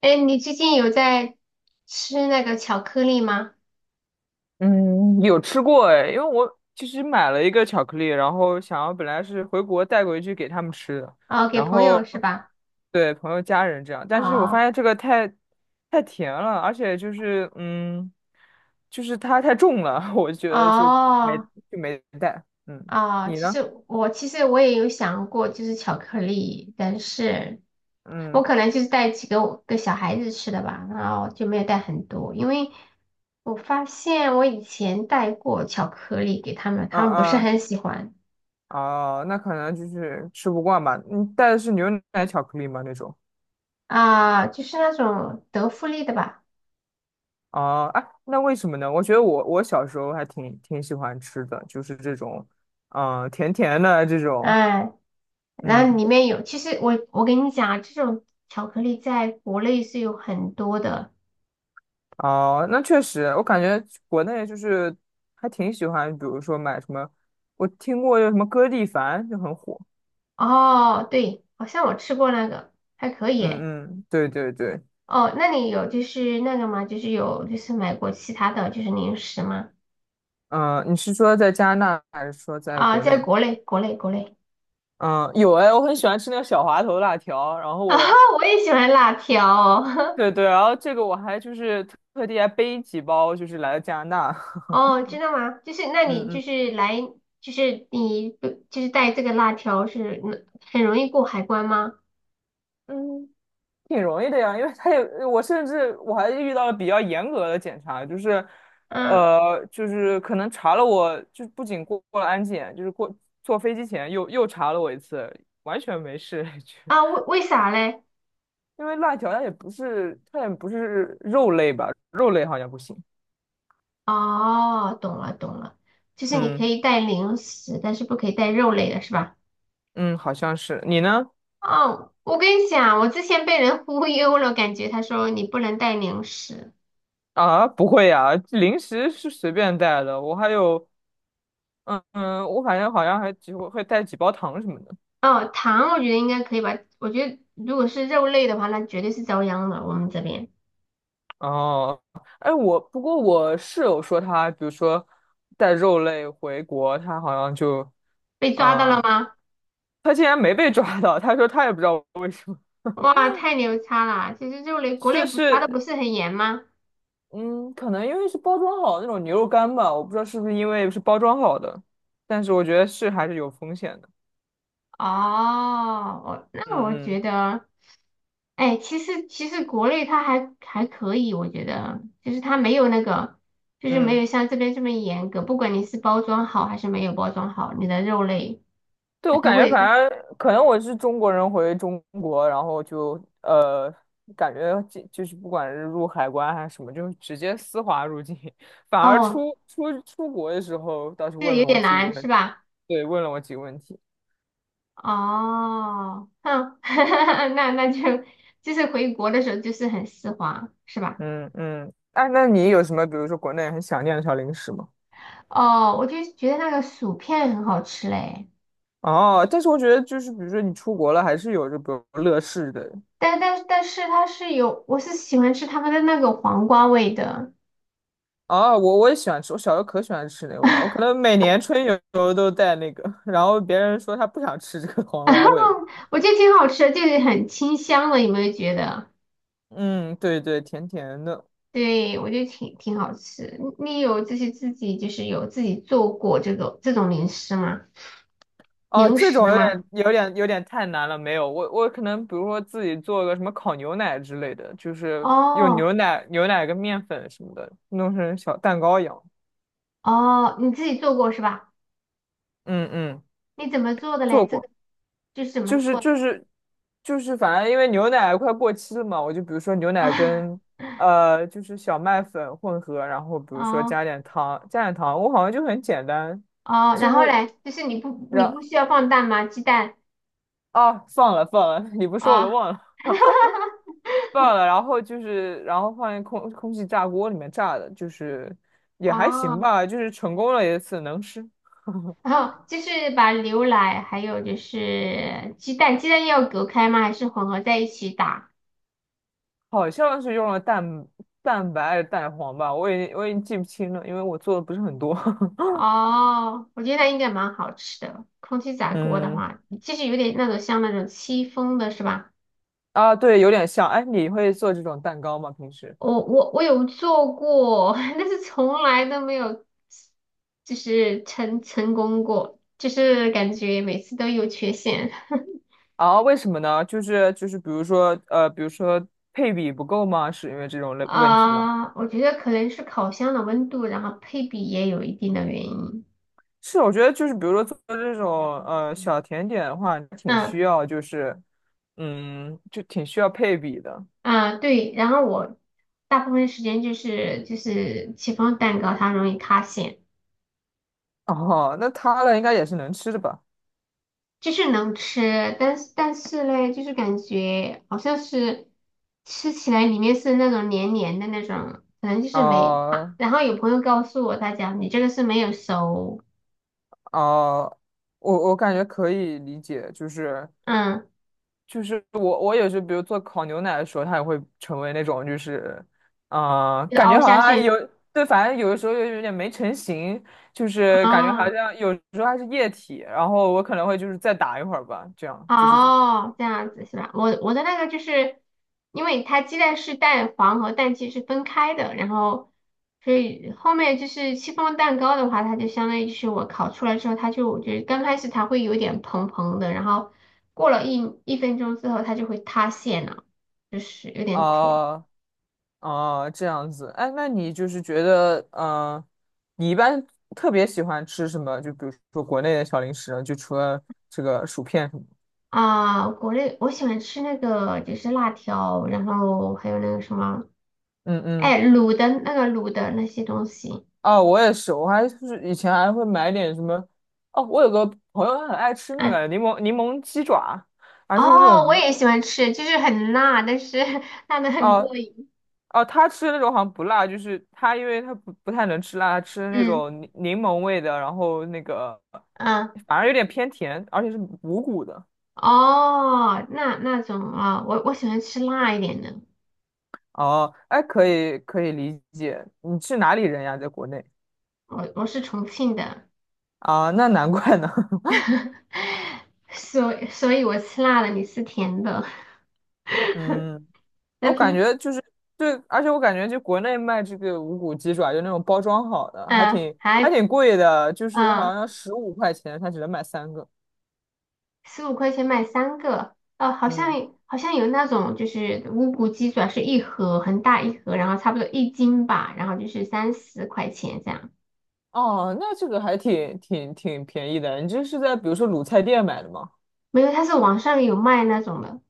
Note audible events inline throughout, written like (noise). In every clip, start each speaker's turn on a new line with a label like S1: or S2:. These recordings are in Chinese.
S1: 哎，你最近有在吃那个巧克力吗？
S2: 嗯，有吃过。哎，因为我其实买了一个巧克力，然后本来是回国带回去给他们吃的，
S1: 哦，给
S2: 然
S1: 朋友
S2: 后
S1: 是吧？
S2: 对朋友家人这样，但是我发
S1: 哦
S2: 现这个太甜了，而且就是它太重了，(laughs) 我觉得
S1: 哦
S2: 就没带。嗯，
S1: 哦，
S2: 你
S1: 其
S2: 呢？
S1: 实我其实我也有想过，就是巧克力，但是我
S2: 嗯
S1: 可能就是带几个我给小孩子吃的吧，然后就没有带很多，因为我发现我以前带过巧克力给他们，他
S2: 嗯
S1: 们不是
S2: 嗯，
S1: 很喜欢。
S2: 哦，那可能就是吃不惯吧。你带的是牛奶巧克力吗？那种？
S1: 啊，就是那种德芙类的吧。
S2: 啊啊，那为什么呢？我觉得我小时候还挺喜欢吃的，就是这种，嗯、甜甜的这种，
S1: 哎。然后
S2: 嗯。
S1: 里面有，其实我跟你讲啊，这种巧克力在国内是有很多的。
S2: 哦、那确实，我感觉国内就是还挺喜欢，比如说买什么，我听过有什么歌地凡就很火，
S1: 哦，对，好像我吃过那个，还可以诶。
S2: 嗯嗯，对对对。
S1: 哦，那你有就是那个吗？就是有就是买过其他的就是零食吗？
S2: 嗯、你是说在加拿大还是说在
S1: 啊，
S2: 国
S1: 在
S2: 内？
S1: 国内，国内，国内。
S2: 嗯，有哎，我很喜欢吃那个小滑头辣条，然后
S1: (laughs) 啊，
S2: 我，
S1: 我也喜欢辣条。
S2: 对对，然后这个我还就是特地还背几包，就是来了加拿大，
S1: 哦。(laughs) 知道吗？就是那
S2: (laughs) 嗯
S1: 你就
S2: 嗯。
S1: 是来就是你就是带这个辣条是很容易过海关吗？
S2: 嗯，挺容易的呀，因为他也，我甚至我还遇到了比较严格的检查，就是，
S1: 嗯。
S2: 就是可能查了我，就不仅过了安检，就是过坐飞机前又查了我一次，完全没事，(laughs) 就
S1: 啊，为为啥嘞？
S2: 因为辣条它也不是肉类吧，肉类好像不行。
S1: 哦，懂了懂了，就是你可
S2: 嗯
S1: 以带零食，但是不可以带肉类的是吧？
S2: 嗯，好像是，你呢？
S1: 哦，我跟你讲，我之前被人 (laughs) 忽悠了，感觉他说你不能带零食。
S2: 啊，不会呀，零食是随便带的，我还有，嗯嗯，我反正好像还会带几包糖什么的。
S1: 哦，糖我觉得应该可以吧，我觉得如果是肉类的话，那绝对是遭殃了。我们这边
S2: 哦，哎，不过我室友说他，比如说带肉类回国，他好像就，
S1: 被抓到了
S2: 嗯，
S1: 吗？
S2: 他竟然没被抓到，他说他也不知道为什么。
S1: 哇，太牛叉了！其实肉类国
S2: 是
S1: 内不查的不
S2: 是，
S1: 是很严吗？
S2: 嗯，可能因为是包装好的那种牛肉干吧，我不知道是不是因为是包装好的，但是我觉得是还是有风险的。
S1: 哦，我那我
S2: 嗯嗯
S1: 觉得，哎，其实国内它还可以，我觉得就是它没有那个，就是没
S2: 嗯。
S1: 有像这边这么严格，不管你是包装好还是没有包装好，你的肉类
S2: 对，
S1: 它
S2: 我
S1: 都
S2: 感觉
S1: 会。
S2: 反正可能我是中国人回中国，然后就感觉就是不管是入海关还是什么，就直接丝滑入境。(laughs) 反而
S1: 哦，
S2: 出国的时候，倒是
S1: 这
S2: 问
S1: 有
S2: 了我
S1: 点
S2: 几个
S1: 难
S2: 问
S1: 是
S2: 题。
S1: 吧？
S2: 对，问了我几个问题。
S1: 哦，哼，(laughs) 那那就就是回国的时候就是很丝滑是吧？
S2: 嗯嗯，哎，那你有什么，比如说国内很想念的小零食吗？
S1: 哦，我就觉得那个薯片很好吃嘞。
S2: 哦，但是我觉得就是，比如说你出国了，还是有着比如乐事的。
S1: 但是它是有，我是喜欢吃他们的那个黄瓜味的。
S2: 啊，我也喜欢吃，我小时候可喜欢吃那个味道，我可能每年春游都带那个，(laughs) 然后别人说他不想吃这个黄瓜味了。
S1: (laughs) 我觉得挺好吃的，就是很清香的，有没有觉得？
S2: 嗯，对对，甜甜的。
S1: 对，我觉得挺好吃。你你有就是自己就是有自己做过这种零食吗？
S2: 哦，
S1: 零
S2: 这
S1: 食
S2: 种
S1: 吗？
S2: 有点太难了，没有，我可能比如说自己做个什么烤牛奶之类的，就是用
S1: 哦。
S2: 牛奶跟面粉什么的弄成小蛋糕一样。
S1: 哦，你自己做过是吧？
S2: 嗯嗯，
S1: 你怎么做的嘞？
S2: 做
S1: 这个
S2: 过。
S1: 就是怎么
S2: 就是
S1: 做
S2: 就
S1: 的
S2: 是就是，反正因为牛奶快过期了嘛，我就比如说牛奶
S1: 啊？
S2: 跟就是小麦粉混合，然后
S1: (laughs)
S2: 比如说
S1: 哦。
S2: 加点糖，加点糖，我好像就很简单，
S1: 哦，
S2: 几
S1: 然后
S2: 乎
S1: 嘞，就是你不你不
S2: 然
S1: 需要放蛋吗？鸡蛋？
S2: 啊放了放了，(laughs) 你不说我都
S1: 啊。
S2: 忘了放了，然后就是然后放进空气炸锅里面炸的，就是也还行
S1: 哦。
S2: 吧，就是成功了一次能吃，
S1: 然后就是把牛奶还有就是鸡蛋，鸡蛋要隔开吗？还是混合在一起打？
S2: (laughs) 好像是用了蛋白还是蛋黄吧，我已经记不清了，因为我做的不是很多，
S1: 哦，我觉得那应该蛮好吃的。空气炸
S2: (laughs)
S1: 锅的
S2: 嗯。
S1: 话，就是有点那种像那种戚风的是吧？
S2: 啊，对，有点像。哎，你会做这种蛋糕吗？平时？
S1: 我有做过，(laughs) 但是从来都没有就是功过，就是感觉每次都有缺陷。(laughs)
S2: 啊，为什么呢？就是，比如说比如说配比不够吗？是因为这种类问题吗？
S1: 啊，我觉得可能是烤箱的温度，然后配比也有一定的原因。
S2: 是，我觉得就是，比如说做这种小甜点的话，挺
S1: 嗯。
S2: 需要就是嗯，就挺需要配比的。
S1: 啊，对，然后我大部分时间就是戚风蛋糕，它容易塌陷，
S2: 哦，那它的应该也是能吃的吧？
S1: 就是能吃，但是但是嘞，就是感觉好像是吃起来里面是那种黏黏的那种，可能就是没啊。
S2: 啊
S1: 然后有朋友告诉我，他讲你这个是没有熟。
S2: 啊，我感觉可以理解，就是
S1: 嗯，
S2: 我也是，比如做烤牛奶的时候，它也会成为那种就是，嗯、
S1: 就
S2: 感
S1: 凹
S2: 觉好
S1: 下
S2: 像还有
S1: 去
S2: 对，反正有的时候又有点没成型，就是感觉好
S1: 啊。
S2: 像有时候还是液体，然后我可能会就是再打一会儿吧，这样就是在。
S1: 哦，这样子是吧？我我的那个就是，因为它鸡蛋是蛋黄和蛋清是分开的，然后所以后面就是戚风蛋糕的话，它就相当于就是我烤出来之后，它就就觉得刚开始它会有点蓬蓬的，然后过了一分钟之后，它就会塌陷了，就是有点苦
S2: 啊啊、这样子。哎，那你就是觉得，嗯、你一般特别喜欢吃什么？就比如说国内的小零食呢就除了这个薯片什么的，
S1: 啊。国内我喜欢吃那个就是辣条，然后还有那个什么，
S2: 嗯嗯。
S1: 哎，卤的那个卤的那些东西。
S2: 哦，我也是，我还就是以前还会买点什么，哦，我有个朋友他很爱吃那
S1: 嗯。
S2: 个柠檬鸡爪，还是那种
S1: 哦，我
S2: 无。
S1: 也喜欢吃，就是很辣，但是 (laughs) 辣的很过
S2: 哦
S1: 瘾。
S2: 哦，他吃的那种好像不辣，就是他因为他不太能吃辣，他吃的那
S1: 嗯
S2: 种柠檬味的，然后那个
S1: 嗯。
S2: 反而有点偏甜，而且是无骨的。
S1: 哦，那那种啊、我我喜欢吃辣一点的。
S2: 哦，哎，可以理解，你是哪里人呀？在国内。
S1: 我我是重庆的。
S2: 啊，那难怪呢。(laughs)
S1: (laughs) 所以所以我吃辣的，你吃甜的。
S2: 嗯。
S1: (laughs) 那
S2: 我感
S1: 平
S2: 觉就是对，而且我感觉就国内卖这个无骨鸡爪，就那种包装好的，
S1: 嗯
S2: 还
S1: 还
S2: 挺贵的，就是
S1: 嗯
S2: 好像15块钱，它只能买3个。
S1: 十五块钱买三个，哦，好像
S2: 嗯，
S1: 好像有那种就是无骨鸡爪是一盒很大一盒，然后差不多一斤吧，然后就是三十块钱这样。
S2: 哦，那这个还挺便宜的。你这是在比如说卤菜店买的吗？
S1: 没有，它是网上有卖那种的。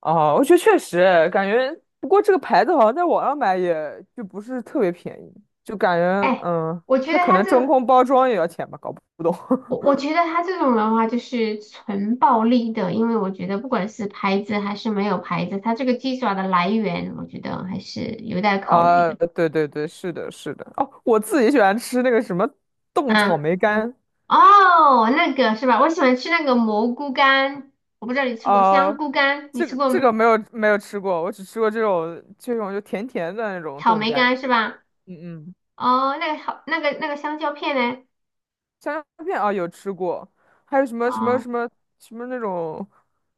S2: 哦，我觉得确实感觉，不过这个牌子好像在网上买也就不是特别便宜，就感觉
S1: 哎，
S2: 嗯，
S1: 我觉得
S2: 它可
S1: 他
S2: 能
S1: 这
S2: 真
S1: 个，
S2: 空包装也要钱吧，搞不懂。
S1: 我我觉得他这种的话就是纯暴力的，因为我觉得不管是牌子还是没有牌子，他这个鸡爪的来源，我觉得还是有待考虑
S2: 啊，
S1: 的。
S2: 对对对，是的，是的。哦，我自己喜欢吃那个什么冻草
S1: 嗯。
S2: 莓干。
S1: 哦，那个是吧？我喜欢吃那个蘑菇干，我不知道你吃过香
S2: 啊，
S1: 菇干，你
S2: 这
S1: 吃
S2: 个
S1: 过
S2: 这
S1: 没？
S2: 个没有吃过，我只吃过这种就甜甜的那种
S1: 草
S2: 冻
S1: 莓
S2: 干。
S1: 干是吧？
S2: 嗯嗯，
S1: 哦，那个好，那个那个香蕉片呢？
S2: 香蕉片啊有吃过，还有
S1: 哦。
S2: 什么那种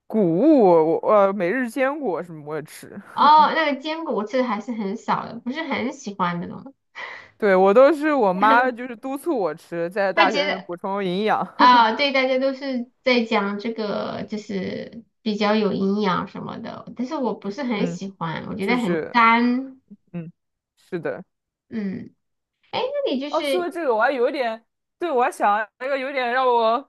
S2: 谷物，我每日坚果什么我也吃。
S1: 哦，那个坚果我吃的还是很少的，不是很喜欢那种。
S2: 对，我都是我妈
S1: (laughs)
S2: 就是督促我吃，在
S1: 他
S2: 大
S1: 觉
S2: 学里
S1: 得。
S2: 补充营养。(laughs)
S1: 啊，对，大家都是在讲这个，就是比较有营养什么的，但是我不是很
S2: 嗯，
S1: 喜欢，我觉得
S2: 就
S1: 很
S2: 是
S1: 干。
S2: 嗯，是的。
S1: 嗯，哎，那你就
S2: 哦，说
S1: 是
S2: 到这个，我还有一点，对，我还想那个有点让我，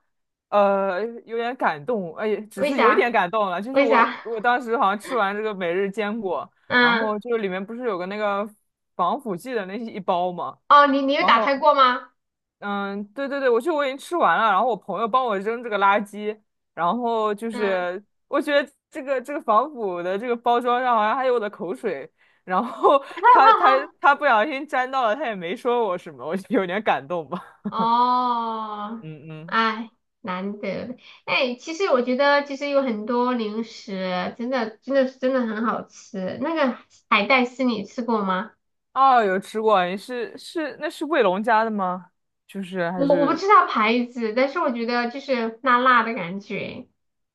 S2: 有点感动，哎，只
S1: 为
S2: 是有一点
S1: 啥？
S2: 感动了，就是
S1: 为
S2: 我
S1: 啥？
S2: 我
S1: (laughs)
S2: 当时好像吃完这个每日坚果，然
S1: 嗯，
S2: 后就是里面不是有个那个防腐剂的那一包嘛，
S1: 哦，你你有
S2: 然
S1: 打开
S2: 后
S1: 过吗？
S2: 嗯，对对对，我已经吃完了，然后我朋友帮我扔这个垃圾，然后就
S1: 嗯，
S2: 是我觉得这个防腐的这个包装上好像还有我的口水。然后 (laughs)
S1: 哈哈。
S2: 他不小心沾到了，他也没说我什么，我就有点感动吧。
S1: 哦，
S2: 嗯嗯，
S1: 哎，难得的。哎，其实我觉得其实有很多零食，真的真的很好吃。那个海带丝你吃过吗？
S2: 哦，有吃过，你那是卫龙家的吗？就是
S1: 我
S2: 还
S1: 我不
S2: 是。
S1: 知道牌子，但是我觉得就是辣辣的感觉。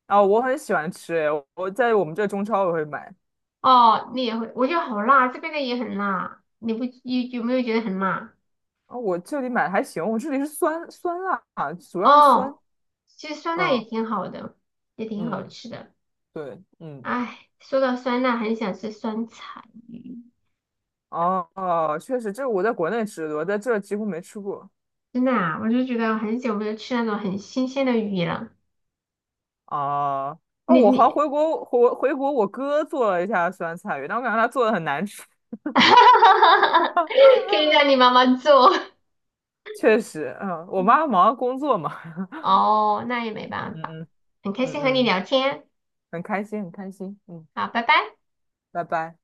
S2: 啊，我很喜欢吃，诶，我在我们这中超我会买。
S1: 哦，你也会，我觉得好辣，这边的也很辣。你不有有没有觉得很辣？
S2: 啊，我这里买还行，我这里是酸酸辣，主要是酸，
S1: 哦，其实酸辣也
S2: 嗯
S1: 挺好的，也挺好
S2: 嗯，
S1: 吃的。
S2: 对，嗯。
S1: 哎，说到酸辣，很想吃酸菜鱼。
S2: 哦哦，确实，这我在国内吃的，我在这几乎没吃过。
S1: 真的啊，我就觉得很久没有吃那种很新鲜的鱼了。
S2: 啊啊，
S1: 你
S2: 我好像
S1: 你，
S2: 回国，我哥做了一下酸菜鱼，但我感觉他做的很难吃。
S1: (laughs) 可以让你妈妈做。
S2: 确实，嗯，我妈忙着工作嘛，
S1: (laughs) 哦，那也没
S2: (laughs)
S1: 办
S2: 嗯
S1: 法。
S2: 嗯
S1: 很开
S2: 嗯
S1: 心和你
S2: 嗯，
S1: 聊天，
S2: 很开心，很开心，嗯，
S1: 好，拜拜。
S2: 拜拜。